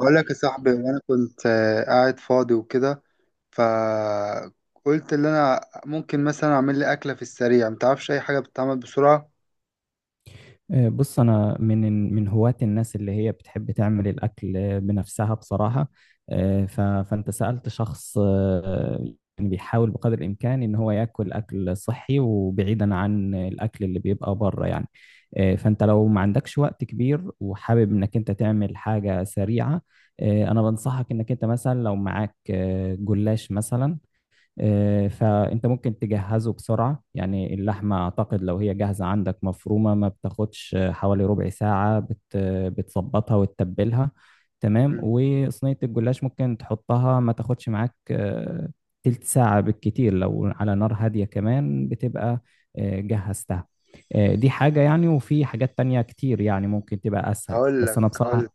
بقول لك يا صاحبي، وانا كنت قاعد فاضي وكده. فقلت ان انا ممكن مثلا اعمل لي اكله في السريع. متعرفش اي حاجه بتتعمل بسرعه؟ بص انا من هواة الناس اللي هي بتحب تعمل الاكل بنفسها بصراحه. آه، ف- فانت سالت شخص يعني بيحاول بقدر الامكان ان هو ياكل اكل صحي وبعيدا عن الاكل اللي بيبقى بره يعني. فانت لو ما عندكش وقت كبير وحابب انك انت تعمل حاجه سريعه. انا بنصحك انك انت مثلا لو معاك جلاش مثلا. فانت ممكن تجهزه بسرعة، يعني اللحمة اعتقد لو هي جاهزة عندك مفرومة ما بتاخدش حوالي ربع ساعة، بتظبطها وتتبلها تمام. مم. وصينية الجلاش ممكن تحطها ما تاخدش معاك تلت ساعة بالكتير، لو على نار هادية كمان بتبقى جهزتها. دي حاجة يعني، وفي حاجات تانية كتير يعني ممكن تبقى أسهل، هقول بس أنا لك بصراحة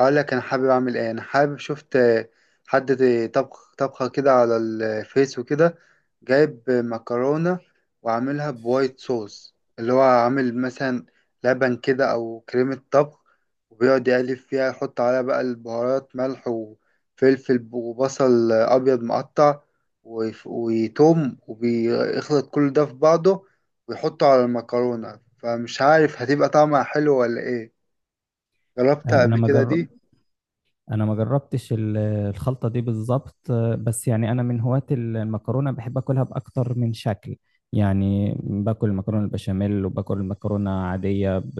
اقول لك انا حابب اعمل ايه. انا حابب شفت حد طبخ طبخه كده على الفيس وكده، جايب مكرونه وعاملها بوايت صوص، اللي هو عامل مثلا لبن كده او كريمه طبخ، وبيقعد يقلب فيها، يحط عليها بقى البهارات، ملح وفلفل وبصل ابيض مقطع وتوم، وبيخلط كل ده في بعضه ويحطه على المكرونه. فمش عارف هتبقى طعمها حلو ولا ايه. جربتها آه، أنا قبل ما كده جر- دي؟ انا ما جربتش الخلطه دي بالظبط. بس يعني انا من هواة المكرونه، بحب اكلها باكتر من شكل، يعني باكل المكرونه البشاميل وباكل المكرونه عاديه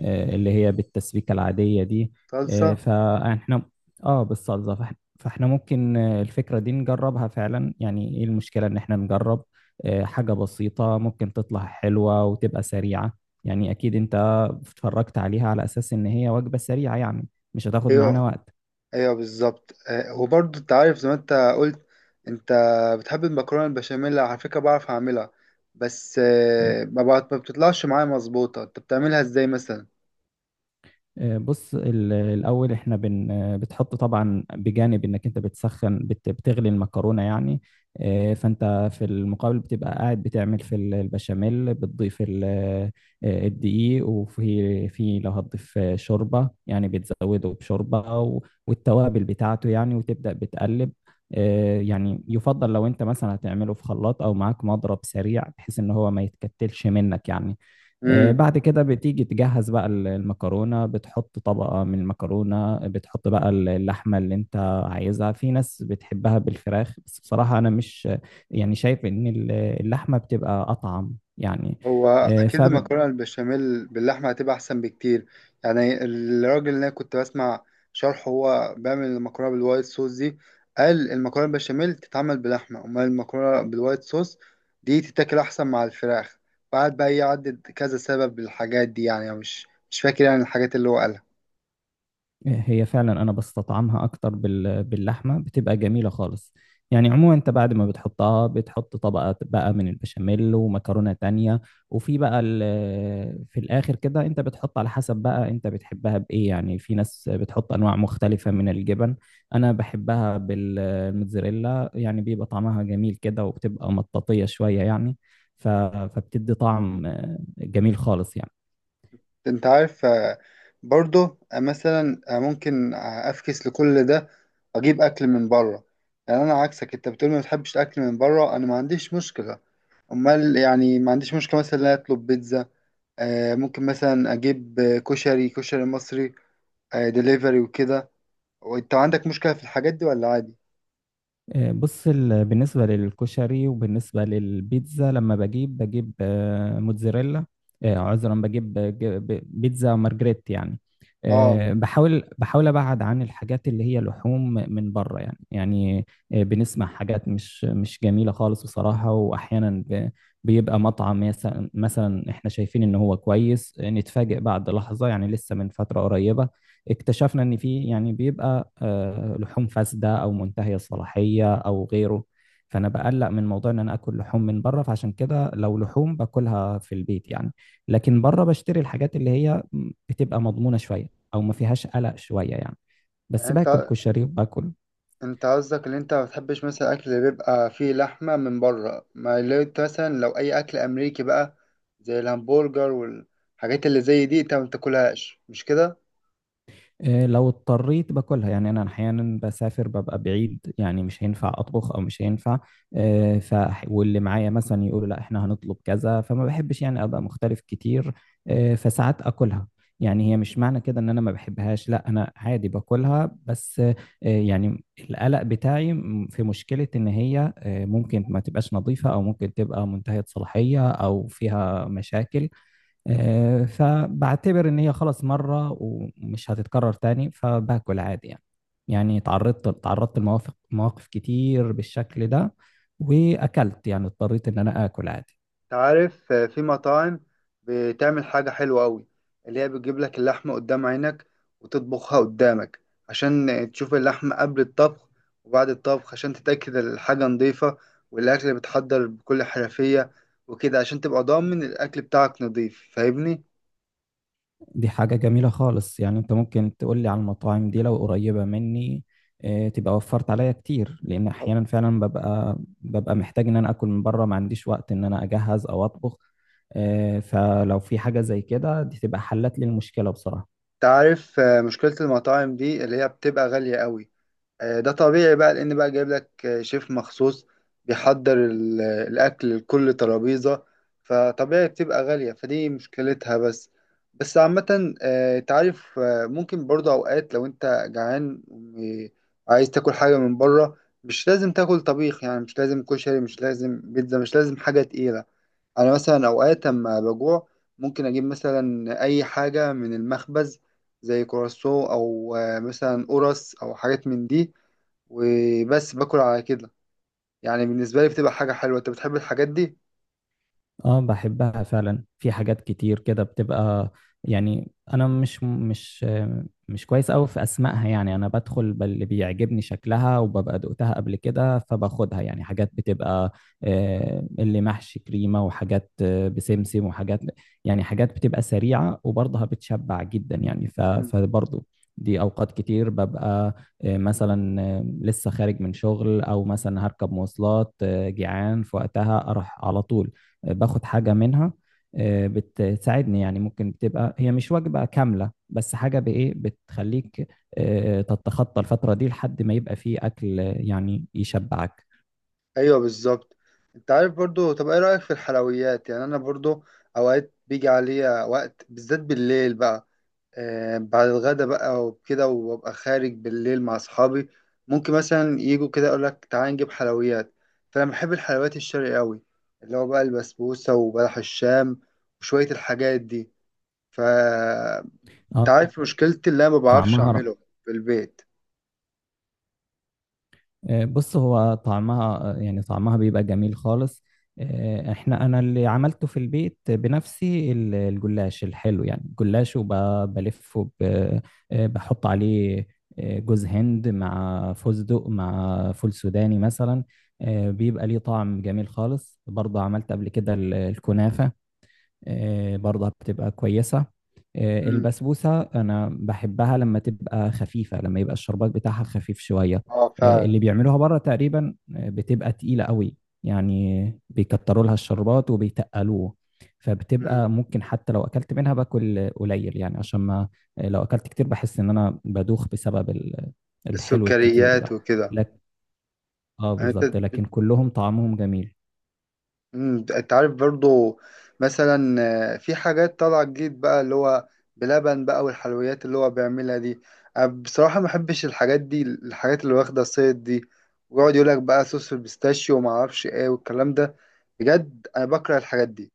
اللي هي بالتسبيكه العاديه دي. آه، صلصه. فاحنا اه، بالصلصه. فاحنا ممكن الفكره دي نجربها فعلا. يعني ايه المشكله ان احنا نجرب حاجه بسيطه ممكن تطلع حلوه وتبقى سريعه؟ يعني اكيد انت اتفرجت عليها على اساس ان هي وجبه سريعه يعني، مش هتاخد معانا ايوه، وقت. ايوه، بالظبط. وبرضه انت عارف، زي ما انت قلت، انت بتحب المكرونه البشاميل. على فكره بعرف اعملها، بس ما بتطلعش معايا مظبوطه. انت بتعملها ازاي مثلا؟ بص، الاول احنا بن آه، بتحط، طبعا بجانب انك انت بتسخن بتغلي المكرونه يعني. فانت في المقابل بتبقى قاعد بتعمل في البشاميل، بتضيف الدقيق، وفي لو هتضيف شوربه يعني بتزوده بشوربه والتوابل بتاعته يعني، وتبدا بتقلب. يعني يفضل لو انت مثلا هتعمله في خلاط او معاك مضرب سريع، بحيث ان هو ما يتكتلش منك يعني. بعد كده بتيجي تجهز بقى المكرونة، بتحط طبقة من المكرونة، بتحط بقى اللحمة اللي انت عايزها. في ناس بتحبها بالفراخ، بس بصراحة انا مش يعني شايف ان اللحمة بتبقى اطعم يعني. هو آه، اكيد فب- المكرونه البشاميل باللحمه هتبقى احسن بكتير. يعني الراجل اللي انا كنت بسمع شرحه، هو بيعمل المكرونه بالوايت صوص دي. قال المكرونه البشاميل تتعمل بلحمه، امال المكرونه بالوايت صوص دي تتاكل احسن مع الفراخ. وقعد بقى يعدد كذا سبب للحاجات دي. يعني أنا مش فاكر يعني الحاجات اللي هو قالها. هي فعلا انا بستطعمها اكتر باللحمه، بتبقى جميله خالص يعني. عموما، انت بعد ما بتحطها بتحط طبقه بقى من البشاميل ومكرونه تانية، وفي بقى في الاخر كده انت بتحط على حسب بقى انت بتحبها بايه. يعني في ناس بتحط انواع مختلفه من الجبن، انا بحبها بالموتزاريلا يعني، بيبقى طعمها جميل كده وبتبقى مطاطيه شويه يعني، فبتدي طعم جميل خالص يعني. انت عارف، برضه مثلا ممكن افكس لكل ده، اجيب اكل من بره. يعني انا عكسك، انت بتقول ما بتحبش الاكل من بره، انا ما عنديش مشكله. امال، يعني ما عنديش مشكله مثلا ان أنا اطلب بيتزا. ممكن مثلا اجيب كشري كشري مصري دليفري وكده. وانت عندك مشكله في الحاجات دي ولا عادي؟ بص، بالنسبة للكشري وبالنسبة للبيتزا، لما بجيب بجيب آه، موتزاريلا آه، عذرا بجيب بجيب بيتزا مارجريت يعني. اه. بحاول أبعد عن الحاجات اللي هي لحوم من بره يعني يعني. بنسمع حاجات مش جميلة خالص بصراحة، وأحيانا بيبقى مطعم مثلا إحنا شايفين إن هو كويس، نتفاجئ بعد لحظة. يعني لسه من فترة قريبة اكتشفنا ان في يعني بيبقى لحوم فاسده او منتهيه الصلاحيه او غيره. فانا بقلق من موضوع ان انا اكل لحوم من بره، فعشان كده لو لحوم باكلها في البيت يعني. لكن بره بشتري الحاجات اللي هي بتبقى مضمونه شويه، او ما فيهاش قلق شويه يعني. يعني بس باكل انت كشري وباكل انت قصدك ان انت ما بتحبش مثلا اكل اللي بيبقى فيه لحمه من بره؟ ما اللي انت مثلا لو اي اكل امريكي بقى زي الهمبرجر والحاجات اللي زي دي، انت ما بتاكلهاش، مش كده؟ إيه، لو اضطريت باكلها يعني. انا احيانا بسافر ببقى بعيد يعني، مش هينفع اطبخ او مش هينفع إيه، ف واللي معايا مثلا يقولوا لا احنا هنطلب كذا، فما بحبش يعني ابقى مختلف كتير إيه، فساعات اكلها. يعني هي مش معنى كده ان انا ما بحبهاش، لا انا عادي باكلها، بس يعني القلق بتاعي في مشكلة ان هي ممكن ما تبقاش نظيفة، او ممكن تبقى منتهية صلاحية او فيها مشاكل. فبعتبر ان هي خلاص مره ومش هتتكرر تاني، فباكل عادي يعني. يعني تعرضت لمواقف كتير بالشكل ده، واكلت يعني اضطريت ان انا اكل عادي. انت عارف، في مطاعم بتعمل حاجه حلوه قوي، اللي هي بتجيب لك اللحمه قدام عينك وتطبخها قدامك، عشان تشوف اللحمه قبل الطبخ وبعد الطبخ، عشان تتاكد الحاجه نظيفه والاكل بيتحضر بكل حرفيه وكده، عشان تبقى ضامن الاكل بتاعك نظيف. فاهمني؟ دي حاجه جميله خالص يعني، انت ممكن تقول لي على المطاعم دي لو قريبه مني. تبقى وفرت عليا كتير، لان احيانا فعلا ببقى محتاج ان انا اكل من بره، ما عنديش وقت ان انا اجهز او اطبخ. فلو في حاجه زي كده دي تبقى حلت لي المشكله بصراحه. تعرف، مشكلة المطاعم دي اللي هي بتبقى غالية قوي. ده طبيعي بقى، لأن بقى جايب لك شيف مخصوص بيحضر الأكل لكل ترابيزة، فطبيعي بتبقى غالية. فدي مشكلتها بس. بس عامة، تعرف، ممكن برضه أوقات لو أنت جعان وعايز تاكل حاجة من بره، مش لازم تاكل طبيخ. يعني مش لازم كشري، مش لازم بيتزا، مش لازم حاجة تقيلة. انا مثلا اوقات اما بجوع، ممكن اجيب مثلا اي حاجه من المخبز، زي كرواسون او مثلا قرص او حاجات من دي، وبس باكل على كده. يعني بالنسبه لي بتبقى حاجه حلوه. انت بتحب الحاجات دي؟ اه بحبها فعلا، في حاجات كتير كده بتبقى يعني. انا مش كويس قوي في اسمائها، يعني انا بدخل باللي بيعجبني شكلها وببقى دقتها قبل كده فباخدها. يعني حاجات بتبقى اللي محشي كريمة، وحاجات بسمسم، وحاجات. يعني حاجات بتبقى سريعة وبرضها بتشبع جدا يعني، مم. فبرضه دي اوقات كتير ببقى مثلا لسه خارج من شغل، او مثلا هركب مواصلات جيعان، في وقتها اروح على طول باخد حاجة منها. بتساعدني يعني، ممكن بتبقى هي مش وجبة كاملة بس حاجة بإيه بتخليك تتخطى الفترة دي لحد ما يبقى فيه أكل يعني يشبعك. ايوه، بالظبط. انت عارف برضو، طب ايه رايك في الحلويات؟ يعني انا برضو اوقات بيجي عليا وقت، بالذات بالليل بقى، بعد الغدا بقى وكده، وابقى خارج بالليل مع اصحابي، ممكن مثلا يجوا كده اقول لك تعالى نجيب حلويات. فانا بحب الحلويات الشرقي قوي، اللي هو بقى البسبوسه وبلح الشام وشويه الحاجات دي. ف انت اه، عارف مشكلتي، اللي انا ما بعرفش طعمها. اعمله في البيت. بص هو طعمها يعني طعمها بيبقى جميل خالص. آه، احنا انا اللي عملته في البيت بنفسي، الجلاش الحلو يعني، الجلاش وبلفه بحط عليه جوز هند مع فستق مع فول سوداني مثلا. بيبقى ليه طعم جميل خالص. برضه عملت قبل كده الكنافة، برضه بتبقى كويسة. امم. البسبوسة أنا بحبها لما تبقى خفيفة، لما يبقى الشربات بتاعها خفيف شوية. اه، فعلا. اللي بيعملوها بره تقريبا بتبقى تقيلة قوي، يعني بيكتروا لها الشربات وبيتقلوه. امم فبتبقى ممكن حتى لو أكلت منها باكل قليل يعني، عشان ما لو أكلت كتير بحس إن أنا بدوخ بسبب الحلو الكتير السكريات ده. وكده. لك اه، يعني انت بالظبط، لكن كلهم طعمهم جميل. مم، انت عارف برضو مثلا، في حاجات طالعة جديد بقى، اللي هو بلبن بقى والحلويات اللي هو بيعملها دي. أنا بصراحة ما بحبش الحاجات دي، الحاجات اللي واخدة الصيد دي، ويقعد يقولك بقى صوص البيستاشيو وما اعرفش ايه والكلام ده. بجد انا بكره الحاجات دي.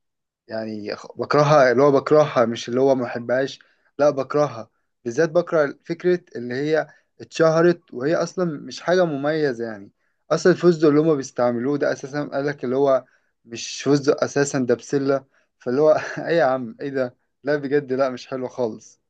يعني بكرهها، اللي هو بكرهها مش اللي هو ما بحبهاش. لا، بكرهها. بالذات بكره فكرة اللي هي اتشهرت وهي أصلا مش حاجة مميزة يعني. أصلا الفستق اللي هما بيستعملوه ده أساسا، قالك اللي هو مش فستق أساسا، ده بسلة. فاللي هو إيه يا عم، إيه ده؟ لا، بجد، لا، مش حلو خالص.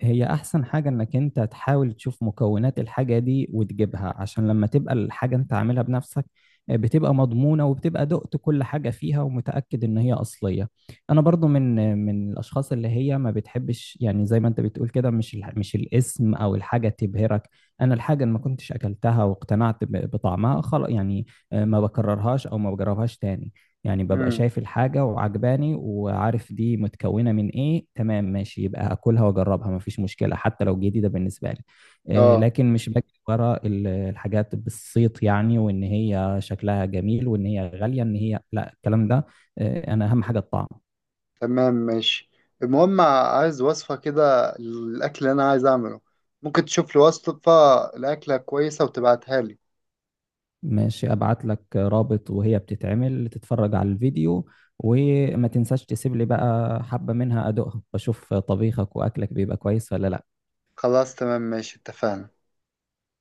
هي احسن حاجة انك انت تحاول تشوف مكونات الحاجة دي وتجيبها، عشان لما تبقى الحاجة انت عاملها بنفسك بتبقى مضمونة، وبتبقى دقت كل حاجة فيها، ومتأكد ان هي اصلية. انا برضو من من الاشخاص اللي هي ما بتحبش، يعني زي ما انت بتقول كده، مش الاسم او الحاجة تبهرك. انا الحاجة اللي ما كنتش اكلتها واقتنعت بطعمها خلاص يعني ما بكررهاش او ما بجربهاش تاني. يعني ببقى امم. شايف الحاجة وعجباني وعارف دي متكونة من ايه، تمام ماشي، يبقى هاكلها واجربها، مفيش مشكلة حتى لو جديدة بالنسبة لي. اه. لكن مش باجي ورا الحاجات بالصيت يعني، وان هي شكلها جميل وان هي غالية، ان هي لا الكلام ده. انا اهم حاجة الطعم. تمام، ماشي. المهم عايز وصفة كده للأكل اللي أنا عايز أعمله. ممكن تشوف لي وصفة لأكلة كويسة وتبعتها لي؟ ماشي، ابعت لك رابط وهي بتتعمل، تتفرج على الفيديو، وما تنساش تسيب لي بقى حبة منها ادوقها، بشوف طبيخك واكلك بيبقى كويس ولا لا. خلاص، تمام، ماشي، اتفقنا.